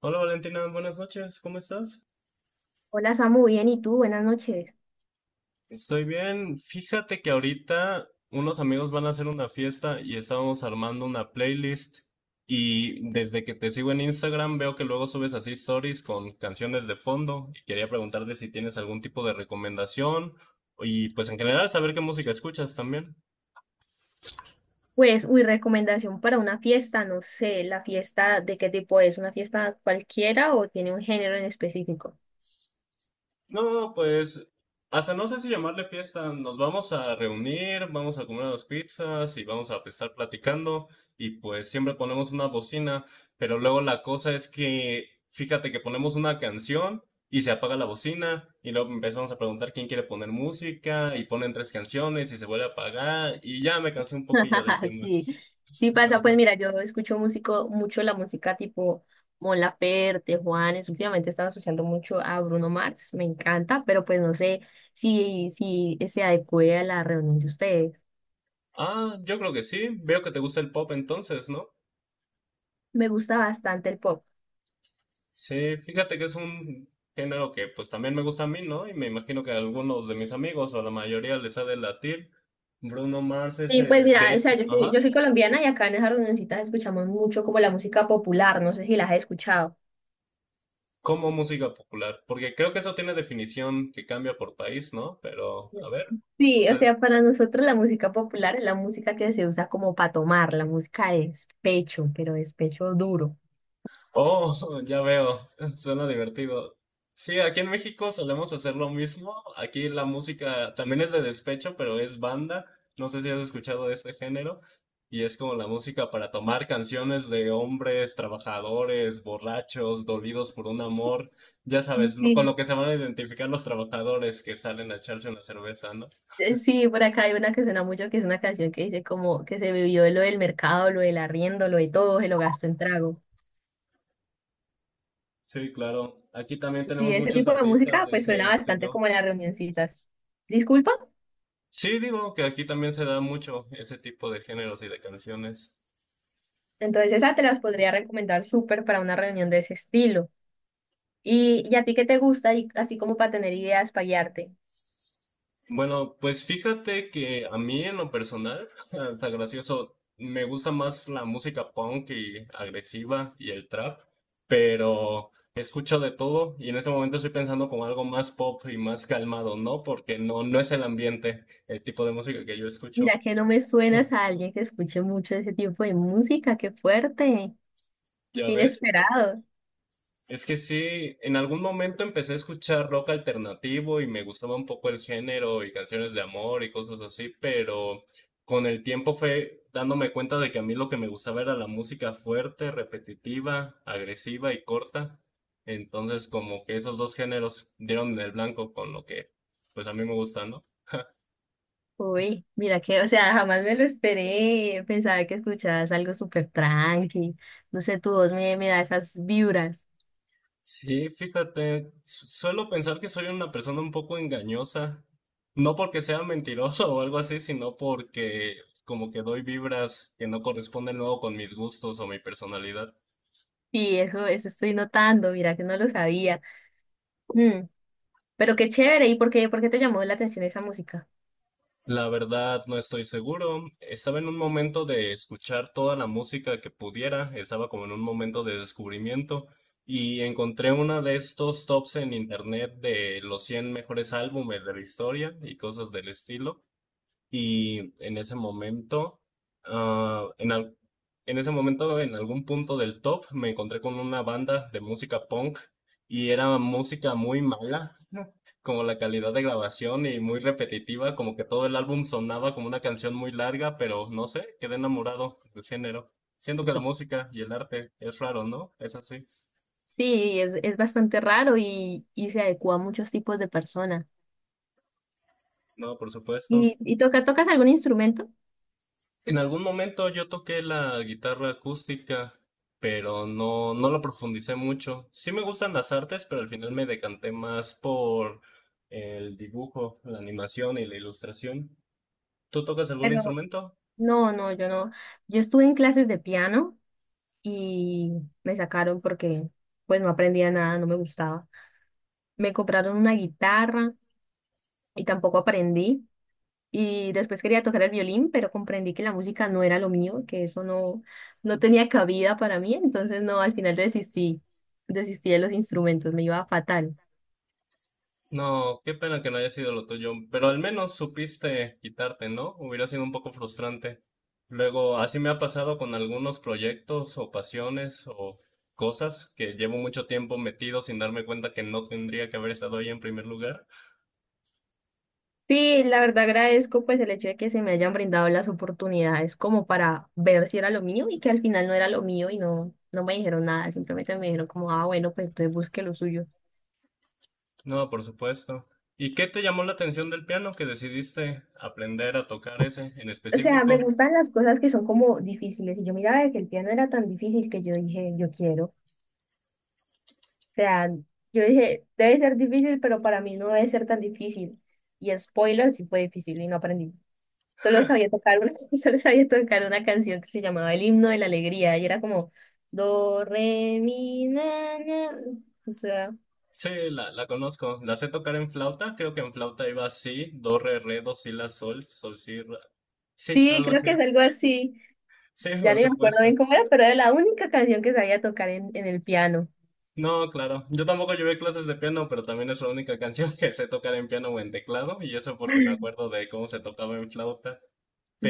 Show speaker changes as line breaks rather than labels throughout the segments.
Hola Valentina, buenas noches, ¿cómo estás?
Hola Samu, bien, ¿y tú? Buenas noches.
Estoy bien. Fíjate que ahorita unos amigos van a hacer una fiesta y estábamos armando una playlist, y desde que te sigo en Instagram veo que luego subes así stories con canciones de fondo, y quería preguntarte si tienes algún tipo de recomendación y pues en general saber qué música escuchas también.
Pues, uy, recomendación para una fiesta, no sé, la fiesta de qué tipo es, ¿una fiesta cualquiera o tiene un género en específico?
No, no, no, pues hasta no sé si llamarle fiesta. Nos vamos a reunir, vamos a comer unas pizzas y vamos a estar platicando, y pues siempre ponemos una bocina, pero luego la cosa es que fíjate que ponemos una canción y se apaga la bocina, y luego empezamos a preguntar quién quiere poner música y ponen tres canciones y se vuelve a apagar, y ya me cansé un poquillo del tema.
Sí, sí pasa, pues mira, yo escucho músico, mucho la música tipo Mon Laferte, Juanes, últimamente estaba asociando mucho a Bruno Mars, me encanta, pero pues no sé si se adecue a la reunión de ustedes.
Ah, yo creo que sí. Veo que te gusta el pop entonces, ¿no?
Me gusta bastante el pop.
Sí, fíjate que es un género que pues también me gusta a mí, ¿no? Y me imagino que a algunos de mis amigos o a la mayoría les ha de latir. Bruno Mars es
Sí, pues
el,
mira,
de
o sea,
hecho,
yo soy, yo
ajá,
soy colombiana y acá en esas reunioncitas escuchamos mucho como la música popular, no sé si las has escuchado.
como música popular, porque creo que eso tiene definición que cambia por país, ¿no? Pero, a ver,
Sí, o
entonces...
sea, para nosotros la música popular es la música que se usa como para tomar, la música de despecho, pero despecho duro.
Oh, ya veo, suena divertido. Sí, aquí en México solemos hacer lo mismo. Aquí la música también es de despecho, pero es banda. No sé si has escuchado de este género. Y es como la música para tomar, canciones de hombres trabajadores, borrachos, dolidos por un amor. Ya sabes, con
Sí.
lo que se van a identificar los trabajadores que salen a echarse una cerveza, ¿no?
Sí, por acá hay una que suena mucho, que es una canción que dice como que se vivió lo del mercado, lo del arriendo, lo de todo, se lo gastó en trago.
Sí, claro. Aquí también
Sí,
tenemos
ese
muchos
tipo de
artistas
música
de
pues suena
ese
bastante
estilo.
como en las reunioncitas. Disculpa,
Sí, digo que aquí también se da mucho ese tipo de géneros y de canciones.
entonces esa te las podría recomendar súper para una reunión de ese estilo. ¿Y a ti qué te gusta? Y así como para tener ideas, para guiarte.
Bueno, pues fíjate que a mí en lo personal, hasta gracioso, me gusta más la música punk y agresiva y el trap, pero escucho de todo, y en ese momento estoy pensando como algo más pop y más calmado, ¿no? Porque no es el ambiente, el tipo de música que yo escucho.
Mira que no me suenas a alguien que escuche mucho ese tipo de música, qué fuerte,
¿Ya
qué
ves?
inesperado.
Es que sí, en algún momento empecé a escuchar rock alternativo y me gustaba un poco el género y canciones de amor y cosas así, pero con el tiempo fue dándome cuenta de que a mí lo que me gustaba era la música fuerte, repetitiva, agresiva y corta. Entonces como que esos dos géneros dieron en el blanco con lo que pues a mí me gusta, ¿no?
Uy, mira que, o sea, jamás me lo esperé, pensaba que escuchabas algo súper tranqui, no sé, tu voz me da esas vibras.
Sí, fíjate, suelo pensar que soy una persona un poco engañosa, no porque sea mentiroso o algo así, sino porque como que doy vibras que no corresponden luego con mis gustos o mi personalidad.
Sí, eso estoy notando, mira que no lo sabía. Mm, pero qué chévere, ¿y por qué te llamó la atención esa música?
La verdad, no estoy seguro. Estaba en un momento de escuchar toda la música que pudiera, estaba como en un momento de descubrimiento, y encontré una de estos tops en internet de los 100 mejores álbumes de la historia y cosas del estilo. Y en ese momento, ah, en, al- en ese momento, en algún punto del top, me encontré con una banda de música punk, y era música muy mala, como la calidad de grabación y muy repetitiva, como que todo el álbum sonaba como una canción muy larga, pero no sé, quedé enamorado del género. Siento que la música y el arte es raro, ¿no? Es así.
Sí, es bastante raro y se adecua a muchos tipos de personas.
No, por supuesto.
¿Y tocas algún instrumento?
En algún momento yo toqué la guitarra acústica, pero no lo profundicé mucho. Sí me gustan las artes, pero al final me decanté más por el dibujo, la animación y la ilustración. ¿Tú tocas algún
Pero
instrumento?
no, yo no. Yo estuve en clases de piano y me sacaron porque pues no aprendía nada, no me gustaba. Me compraron una guitarra y tampoco aprendí. Y después quería tocar el violín, pero comprendí que la música no era lo mío, que eso no, no tenía cabida para mí. Entonces no, al final desistí de los instrumentos, me iba fatal.
No, qué pena que no haya sido lo tuyo, pero al menos supiste quitarte, ¿no? Hubiera sido un poco frustrante. Luego, así me ha pasado con algunos proyectos o pasiones o cosas que llevo mucho tiempo metido sin darme cuenta que no tendría que haber estado ahí en primer lugar.
Sí, la verdad agradezco pues el hecho de que se me hayan brindado las oportunidades como para ver si era lo mío y que al final no era lo mío y no, no me dijeron nada, simplemente me dijeron como, ah, bueno, pues entonces busque lo suyo.
No, por supuesto. ¿Y qué te llamó la atención del piano que decidiste aprender a tocar ese en
O sea, me
específico?
gustan las cosas que son como difíciles y yo miraba que el piano era tan difícil que yo dije, yo quiero. O sea, yo dije, debe ser difícil, pero para mí no debe ser tan difícil. Y spoiler, sí fue difícil y no aprendí. Solo sabía tocar una, solo sabía tocar una canción que se llamaba El himno de la alegría y era como do re mi na na. O sea,
Sí, la conozco. La sé tocar en flauta. Creo que en flauta iba así, do, re, re, do, si, la, sol, sol, si, ra. Sí,
sí,
algo
creo que
así.
es algo así.
Sí,
Ya
por
ni me acuerdo
supuesto.
bien cómo era, pero era la única canción que sabía tocar en el piano.
No, claro. Yo tampoco llevé clases de piano, pero también es la única canción que sé tocar en piano o en teclado, y eso porque me acuerdo de cómo se tocaba en flauta.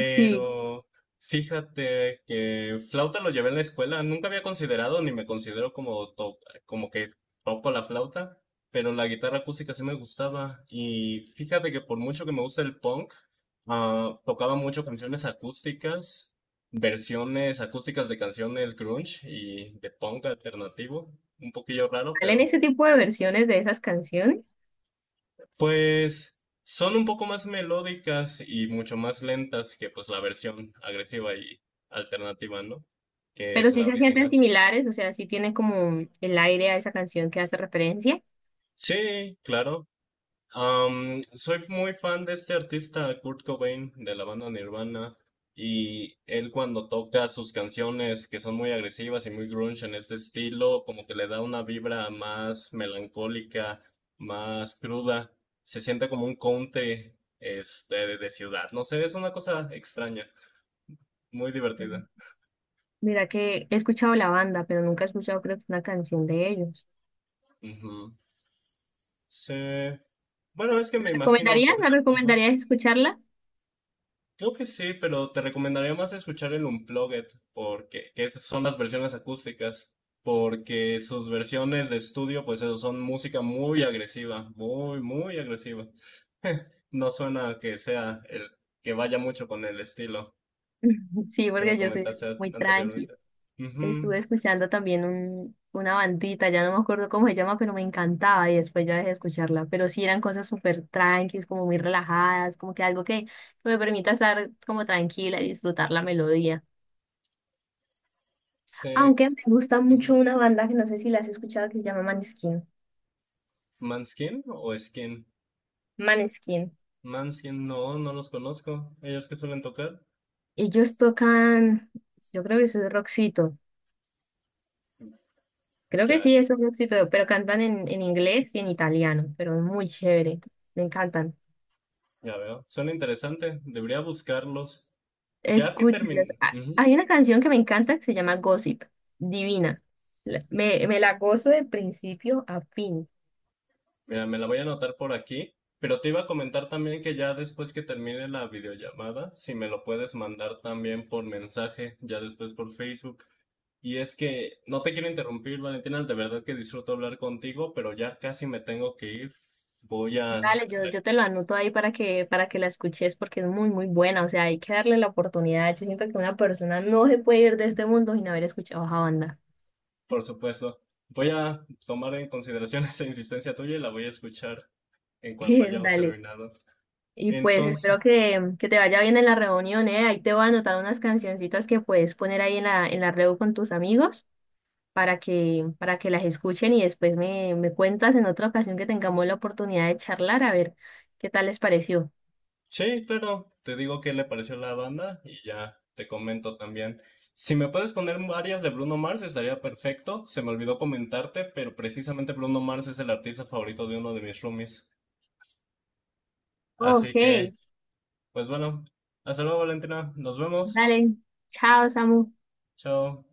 Sí,
fíjate que flauta lo llevé en la escuela. Nunca había considerado, ni me considero como, como que toco la flauta, pero la guitarra acústica sí me gustaba. Y fíjate que por mucho que me gusta el punk, ah, tocaba mucho canciones acústicas, versiones acústicas de canciones grunge y de punk alternativo. Un poquillo raro,
salen
pero...
ese tipo de versiones de esas canciones,
Pues son un poco más melódicas y mucho más lentas que pues la versión agresiva y alternativa, ¿no? Que
pero
es
sí
la
se sienten
original.
similares, o sea, sí tiene como el aire a esa canción que hace referencia.
Sí, claro. Am, soy muy fan de este artista Kurt Cobain de la banda Nirvana, y él cuando toca sus canciones que son muy agresivas y muy grunge en este estilo, como que le da una vibra más melancólica, más cruda, se siente como un country este de ciudad, no sé, es una cosa extraña, muy
Mm.
divertida.
Mira que he escuchado la banda, pero nunca he escuchado creo que una canción de ellos.
Ujú. Sí. Bueno, es que
¿La
me imagino
¿Recomendarías?
por...
¿Me
ajá.
recomendarías escucharla?
Creo que sí, pero te recomendaría más escuchar el Unplugged, porque que esas son las versiones acústicas, porque sus versiones de estudio, pues eso, son música muy agresiva, muy agresiva. No suena que sea el que vaya mucho con el estilo
Sí,
que me
porque yo soy
comentaste
muy tranqui.
anteriormente. Ujú,
Estuve escuchando también un, una bandita, ya no me acuerdo cómo se llama, pero me encantaba y después ya dejé de escucharla. Pero sí eran cosas súper tranquis, como muy relajadas, como que algo que, me permita estar como tranquila y disfrutar la melodía.
sé-
Aunque me gusta
ujú.
mucho una banda que no sé si la has escuchado que se llama Maneskin.
¿Manskin o Skin?
Maneskin.
Manskin, no, no los conozco. ¿Ellos qué suelen tocar?
Ellos tocan, yo creo que eso es rockcito. Creo que
Ya,
sí, eso es rockcito, pero cantan en inglés y en italiano, pero es muy chévere. Me encantan.
ya veo. Suena interesante. Debería buscarlos. Ya que
Escúchenlas.
terminé.
Ah, hay una canción que me encanta que se llama Gossip, divina. Me, me la gozo de principio a fin.
Mira, me la voy a anotar por aquí, pero te iba a comentar también que ya después que termine la videollamada, si me lo puedes mandar también por mensaje, ya después por Facebook. Y es que no te quiero interrumpir, Valentina, de verdad que disfruto hablar contigo, pero ya casi me tengo que ir. Voy a,
Dale, yo te lo anoto ahí para que la escuches porque es muy buena. O sea, hay que darle la oportunidad. Yo siento que una persona no se puede ir de este mundo sin haber escuchado esa banda.
por supuesto, voy a tomar en consideración esa insistencia tuya y la voy a escuchar en cuanto hayamos
Dale.
terminado.
Y pues
Entonces...
espero que te vaya bien en la reunión, ¿eh? Ahí te voy a anotar unas cancioncitas que puedes poner ahí en en la reu con tus amigos. Para que para que las escuchen y después me cuentas en otra ocasión que tengamos la oportunidad de charlar a ver qué tal les pareció.
Sí, claro, te digo qué le pareció la banda y ya te comento también. Si me puedes poner varias de Bruno Mars estaría perfecto. Se me olvidó comentarte, pero precisamente Bruno Mars es el artista favorito de uno de mis roomies.
Ok,
Así que, pues bueno, hasta luego, Valentina. Nos vemos.
dale, chao, Samu.
Chao.